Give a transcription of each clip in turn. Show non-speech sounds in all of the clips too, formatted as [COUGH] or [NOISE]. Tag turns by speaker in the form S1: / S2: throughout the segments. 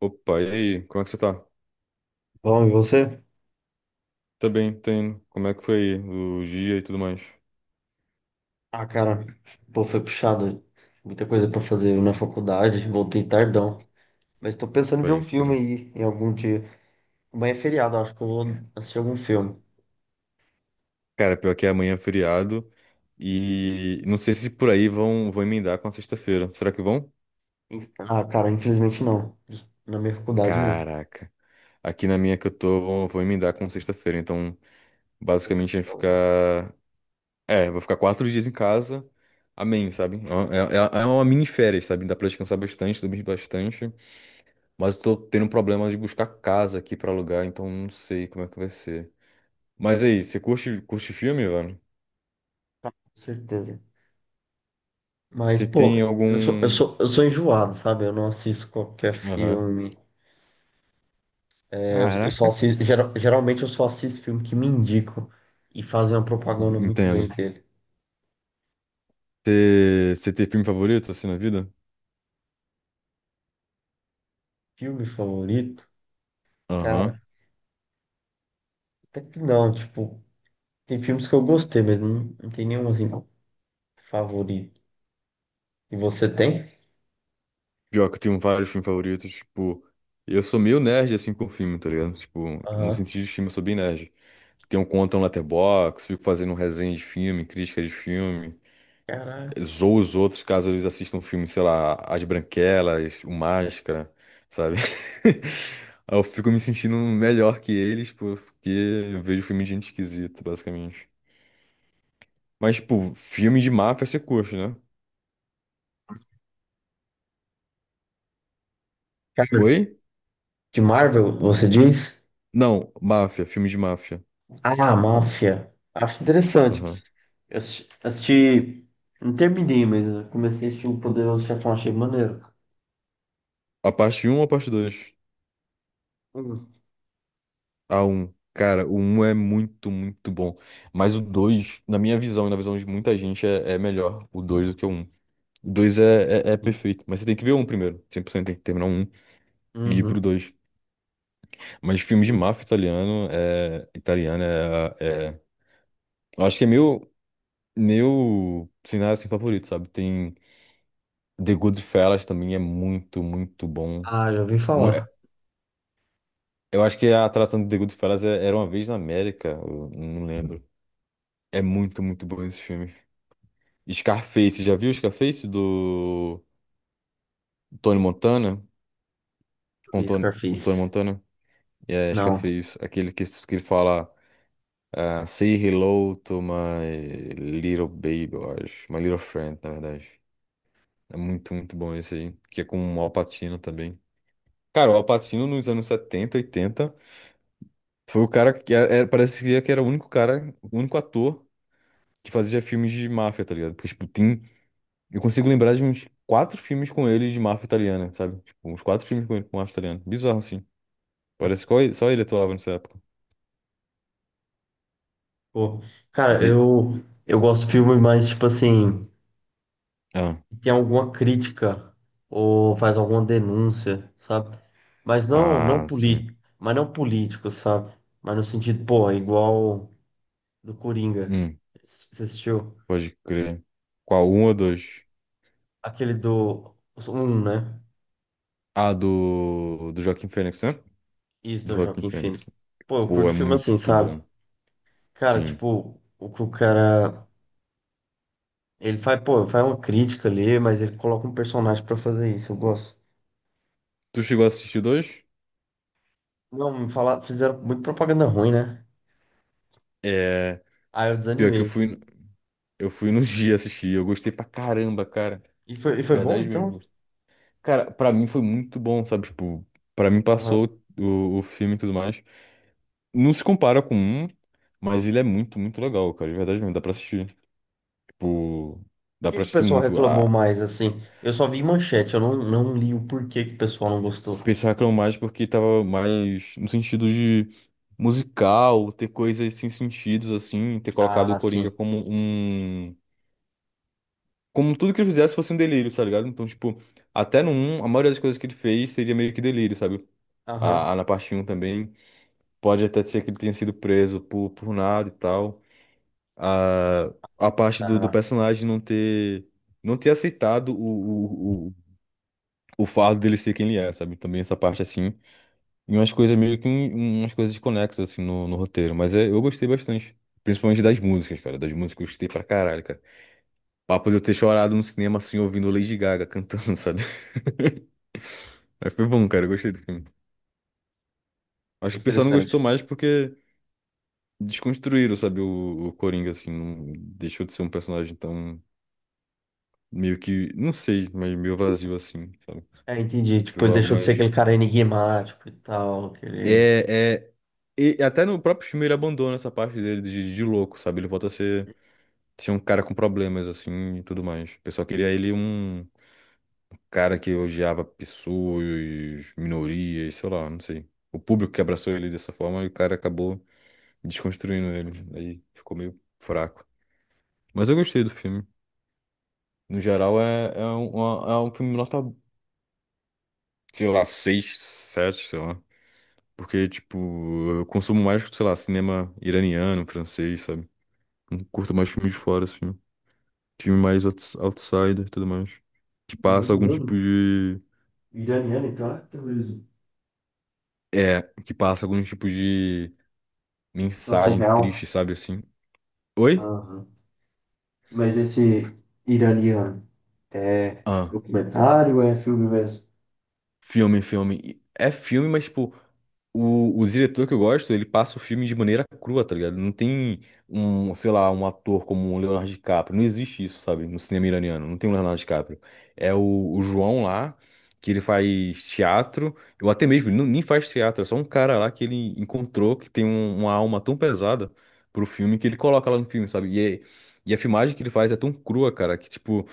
S1: Opa, e aí? Como é que você tá?
S2: Bom, e você?
S1: Tá bem, tá. Como é que foi o dia e tudo mais?
S2: Ah, cara, pô, foi puxado. Muita coisa pra fazer na faculdade. Voltei tardão. Mas tô pensando em ver um
S1: Pode
S2: filme
S1: crer.
S2: aí em algum dia. Amanhã é feriado, acho que eu vou assistir algum filme.
S1: Cara, pior que amanhã é feriado e não sei se por aí vão emendar com a sexta-feira. Será que vão?
S2: Ah, cara, infelizmente não. Na minha faculdade, não.
S1: Caraca. Aqui na minha que eu tô, vou emendar com sexta-feira. Então,
S2: Pô,
S1: basicamente, vai
S2: então, com
S1: ficar... É, vou ficar 4 dias em casa. Amém, sabe? É uma mini férias, sabe? Dá pra descansar bastante, dormir bastante. Mas eu tô tendo um problema de buscar casa aqui pra alugar, então não sei como é que vai ser. Mas aí, você curte filme, mano?
S2: certeza. Mas,
S1: Você
S2: pô,
S1: tem
S2: eu sou, eu
S1: algum.
S2: sou, eu sou enjoado, sabe? Eu não assisto qualquer
S1: Aham.
S2: filme. É, eu só
S1: Caraca.
S2: assisto, geralmente eu só assisto filme que me indicam e fazem uma propaganda muito bem
S1: Entendo.
S2: dele.
S1: Você tem filme favorito assim na vida?
S2: Filme favorito?
S1: Aham.
S2: Cara. Até que não, tipo, tem filmes que eu gostei, mas não tem nenhum assim favorito. E você tem?
S1: Pior que eu tenho vários filmes favoritos, tipo, eu sou meio nerd assim com filme, tá ligado? Tipo, no
S2: Aham.
S1: sentido de filme eu sou bem nerd. Tenho conta no Letterboxd, fico fazendo resenha de filme, crítica de filme.
S2: Caraca.
S1: Zoa os outros caso eles assistam um filme, sei lá, As Branquelas, O Máscara, sabe? [LAUGHS] Aí eu fico me sentindo melhor que eles porque eu vejo filme de gente esquisita, basicamente. Mas, tipo, filme de máfia você curte, né?
S2: Cara,
S1: Oi?
S2: de Marvel, você diz?
S1: Não, máfia, filme de máfia.
S2: Ah, Máfia. Acho interessante.
S1: Aham.
S2: Eu não terminei, mas eu comecei a assistir O Poderoso Chefão, achei maneiro.
S1: A parte um ou a parte dois?
S2: Uhum.
S1: A um Cara, o um é muito, muito bom. Mas o dois, na minha visão e na visão de muita gente, é melhor o 2 do que o um. Dois é perfeito, mas você tem que ver um primeiro. 100% tem que terminar um e ir pro
S2: Uhum,
S1: dois. Mas filme de
S2: sim.
S1: máfia italiano é. Italiano é. é- eu acho que é meu. Meu cenário assim, favorito, sabe? Tem The Goodfellas também, é muito, muito bom.
S2: Ah, já ouvi
S1: Um- é-
S2: falar.
S1: Eu acho que a atração de The Goodfellas era Uma Vez na América, eu não lembro. É muito, muito bom esse filme. Scarface, já viu Scarface do Tony Montana? Com
S2: Vi
S1: Tony, com Tony
S2: Scarface.
S1: Montana? É,
S2: Não.
S1: Scarface, aquele que ele fala. Ah, Say Hello to My Little Baby, eu acho. My Little Friend, na verdade. É muito, muito bom esse aí. Que é com o Al Pacino também. Cara, o Al Pacino nos anos 70, 80, foi o cara que parece que era o único cara, o único ator que fazia filmes de máfia, tá ligado? Porque, tipo, tem. Eu consigo lembrar de uns quatro filmes com ele de máfia italiana, sabe? Tipo, uns quatro filmes com ele, com máfia italiana. Bizarro, assim. Parece que só ele atuava nessa época.
S2: Pô, cara,
S1: De...
S2: eu gosto de filme mais, tipo assim.
S1: Ah,
S2: E tem alguma crítica ou faz alguma denúncia, sabe? Mas não
S1: ah, sim.
S2: político, mas não político, sabe? Mas no sentido, pô, é igual do Coringa.
S1: Hum,
S2: Você assistiu
S1: pode crer. Qual? Um ou dois?
S2: aquele do um, né?
S1: Ah, do Joaquim Fênix, né?
S2: Isso
S1: Do
S2: do
S1: Joaquim
S2: Joaquin Phoenix.
S1: Fênix.
S2: Pô, eu
S1: Pô,
S2: curto
S1: é
S2: filme assim,
S1: muito
S2: sabe?
S1: bom.
S2: Cara,
S1: Sim.
S2: tipo, o que o cara ele faz, pô, faz uma crítica ali, mas ele coloca um personagem pra fazer isso, eu gosto.
S1: Tu chegou a assistir dois?
S2: Não, me falar, fizeram muito propaganda ruim, né?
S1: É.
S2: Aí eu
S1: Pior que eu
S2: desanimei.
S1: fui, eu fui no [LAUGHS] dia assistir. Eu gostei pra caramba, cara.
S2: E foi bom,
S1: Verdade
S2: então?
S1: mesmo. Cara, pra mim foi muito bom, sabe? Tipo, pra mim
S2: Aham.
S1: passou o filme e tudo mais. Não se compara com um, mas ele é muito, muito legal, cara. De verdade mesmo. Dá pra assistir. Tipo, dá
S2: que
S1: pra
S2: que o
S1: assistir
S2: pessoal
S1: muito.
S2: reclamou mais, assim? Eu só vi manchete, eu não, não li o porquê que o pessoal não gostou.
S1: Pensacram mais porque tava mais no sentido de musical, ter coisas sem sentidos, assim, ter colocado o
S2: Ah,
S1: Coringa
S2: sim.
S1: como um. Como tudo que ele fizesse fosse um delírio, tá ligado? Então, tipo, até no um a maioria das coisas que ele fez seria meio que delírio, sabe?
S2: Aham.
S1: A na parte um também. Pode até ser que ele tenha sido preso por nada e tal. A, a parte do
S2: Tá.
S1: personagem não ter. Não ter aceitado o fardo dele ser quem ele é, sabe? Também essa parte assim. E umas coisas meio que umas coisas conexas assim no roteiro, mas é, eu gostei bastante. Principalmente das músicas, cara. Das músicas eu gostei pra caralho, cara. Papo de eu ter chorado no cinema assim, ouvindo Lady Gaga cantando, [LAUGHS] sabe? Mas foi bom, cara. Eu gostei do filme. Acho que o pessoal não gostou
S2: Interessante.
S1: mais porque desconstruíram, sabe, o Coringa, assim. Não, deixou de ser um personagem tão meio que, não sei, mas meio vazio assim, sabe?
S2: É, entendi. Tipo,
S1: Virou
S2: ele
S1: algo
S2: deixou de ser
S1: mais.
S2: aquele cara enigmático e tal, aquele...
S1: É, é. E até no próprio filme ele abandona essa parte dele de louco, sabe? Ele volta a ser. Tinha um cara com problemas, assim, e tudo mais. O pessoal queria ele um cara que odiava pessoas, minorias, sei lá, não sei. O público que abraçou ele dessa forma e o cara acabou desconstruindo ele. Aí ficou meio fraco. Mas eu gostei do filme. No geral, é um filme nota, sei lá, 6, 7, sei lá. Porque, tipo, eu consumo mais, sei lá, cinema iraniano, francês, sabe? Não curto mais filmes de fora, assim. Filme mais outsider e tudo mais que passa algum tipo
S2: Iraniano?
S1: de.
S2: Iraniano, então é terrorismo.
S1: É, que passa algum tipo de
S2: Situação
S1: mensagem triste,
S2: real.
S1: sabe assim? Oi?
S2: Aham. Mas esse iraniano é
S1: Ah.
S2: documentário ou é filme mesmo?
S1: Filme, filme. E é filme, mas, tipo, o diretor que eu gosto, ele passa o filme de maneira crua, tá ligado? Não tem um, sei lá, um ator como o Leonardo DiCaprio. Não existe isso, sabe? No cinema iraniano. Não tem o Leonardo DiCaprio. É o João lá, que ele faz teatro. Ou até mesmo, ele não, nem faz teatro. É só um cara lá que ele encontrou que tem uma alma tão pesada pro filme que ele coloca lá no filme, sabe? E a filmagem que ele faz é tão crua, cara, que, tipo.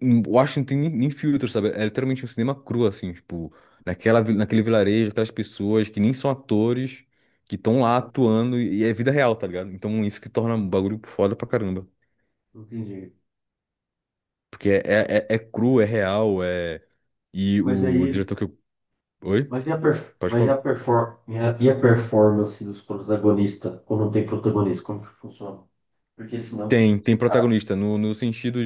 S1: Eu tem nem filtro, sabe? É literalmente um cinema cru, assim, tipo, naquele vilarejo, aquelas pessoas que nem são atores, que estão lá
S2: Caramba.
S1: atuando e é vida real, tá ligado? Então isso que torna o bagulho foda pra caramba.
S2: Entendi.
S1: Porque é,
S2: Cara.
S1: é, é é cru, é real, é. E
S2: Mas
S1: o
S2: aí.
S1: diretor que eu. Oi?
S2: Mas e a, perf-
S1: Pode
S2: mas e
S1: falar.
S2: a, perfor- e a performance dos protagonistas quando tem protagonista? Como que funciona? Porque senão,
S1: Tem,
S2: se
S1: tem
S2: o cara.
S1: protagonista, no sentido.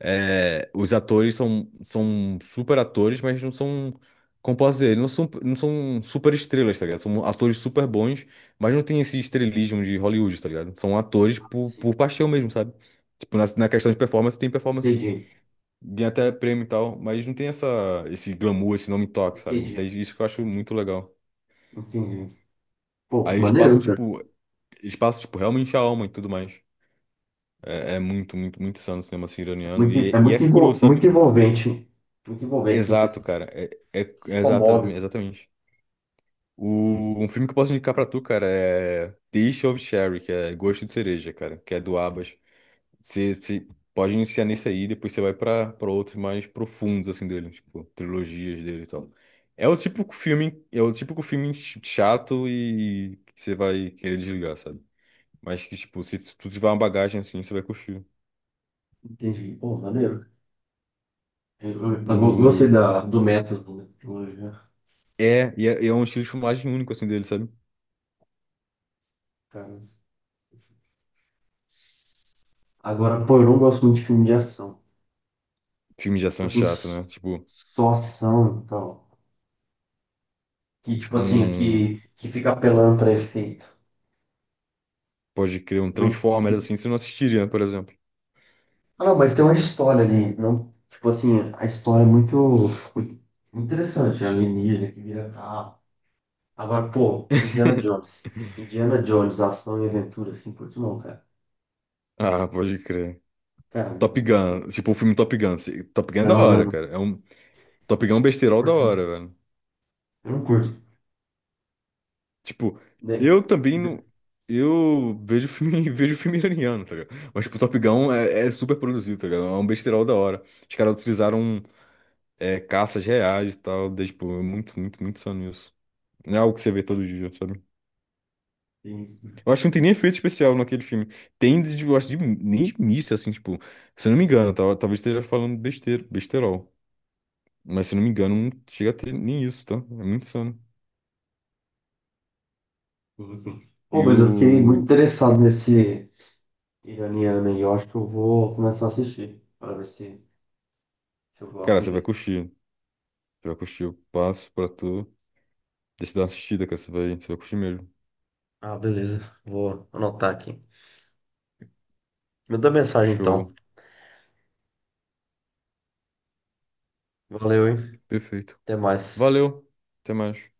S1: É, os atores são super atores, mas não são, como posso dizer, não são super estrelas, tá ligado? São atores super bons, mas não tem esse estrelismo de Hollywood, tá ligado? São atores por,
S2: Assim,
S1: por paixão mesmo, sabe? Tipo, na questão de performance, tem performance sim.
S2: entendi,
S1: Ganha até prêmio e tal, mas não tem essa, esse glamour, esse nome toque, sabe?
S2: entendi,
S1: Desde isso que eu acho muito legal.
S2: entendi. Pô,
S1: Aí
S2: maneiro, cara.
S1: eles passam, tipo, realmente a alma e tudo mais. É, é muito, muito, muito insano o cinema assim,
S2: É
S1: iraniano. E,
S2: é
S1: e é cru,
S2: muito
S1: sabe?
S2: envolvente. Muito envolvente, assim, você
S1: Exato,
S2: se,
S1: cara.
S2: se comove.
S1: Exatamente. Um filme que eu posso indicar pra tu, cara, é Taste of Cherry, que é Gosto de Cereja, cara, que é do Abas. Você pode iniciar nesse aí, depois você vai pra outros mais profundos, assim, dele, tipo, trilogias dele e tal. É o típico filme chato e que você vai querer desligar, sabe? Mas que, tipo, se tu tiver uma bagagem assim, você vai curtir.
S2: Entendi. Pô, maneiro. Gostei
S1: O...
S2: da, do método, né? Hoje,
S1: é um estilo de filmagem único, assim, dele, sabe?
S2: cara. Agora, pô, eu não gosto muito de filme de ação.
S1: Filmes de ação
S2: Assim,
S1: chato, né? Tipo.
S2: só ação e tal. Que tipo assim,
S1: Um,
S2: que fica apelando pra efeito.
S1: pode crer, um
S2: Não-
S1: Transformers assim, você não assistiria, né, por exemplo.
S2: Ah, não, mas tem uma história ali, não, tipo assim, a história é muito interessante, a alienígena que vira carro. Agora, pô, Indiana
S1: [LAUGHS]
S2: Jones. Indiana Jones, ação e aventura, assim, por que não, cara?
S1: Ah, pode crer.
S2: Cara,
S1: Top
S2: eu não
S1: Gun,
S2: curto.
S1: tipo, o filme Top Gun. Top Gun é da
S2: Não, não,
S1: hora,
S2: não.
S1: cara. Top Gun é um
S2: Eu
S1: besterol da
S2: curto.
S1: hora, velho.
S2: Eu não curto.
S1: Tipo,
S2: Né?
S1: eu também não. Eu vejo filme, [LAUGHS] vejo filme iraniano, tá ligado? Mas, tipo, Top Gun é super produzido, tá ligado? É um besterol da hora. Os caras utilizaram caças reais e tal. Daí, tipo, é muito, muito, muito só nisso. Não é algo que você vê todo dia, sabe?
S2: Tem isso,
S1: Eu acho que não tem nem efeito especial naquele filme. Tem, eu acho, de, nem de missa, assim, tipo, se eu não me engano, tá? Talvez esteja falando besteira, besterol. Mas se eu não me engano, não chega a ter nem isso, tá? É muito insano.
S2: tem isso. Pô,
S1: E
S2: mas
S1: o.
S2: eu fiquei muito interessado nesse iraniano aí, eu acho que eu vou começar a assistir, para ver se, se eu
S1: Cara,
S2: gosto
S1: você vai
S2: mesmo.
S1: curtir. Você vai curtir. Eu passo pra tu. Deixa eu dar uma assistida, cara. Você vai curtir mesmo.
S2: Ah, beleza. Vou anotar aqui. Manda mensagem então.
S1: Show.
S2: Valeu, hein?
S1: Perfeito.
S2: Até mais.
S1: Valeu. Até mais.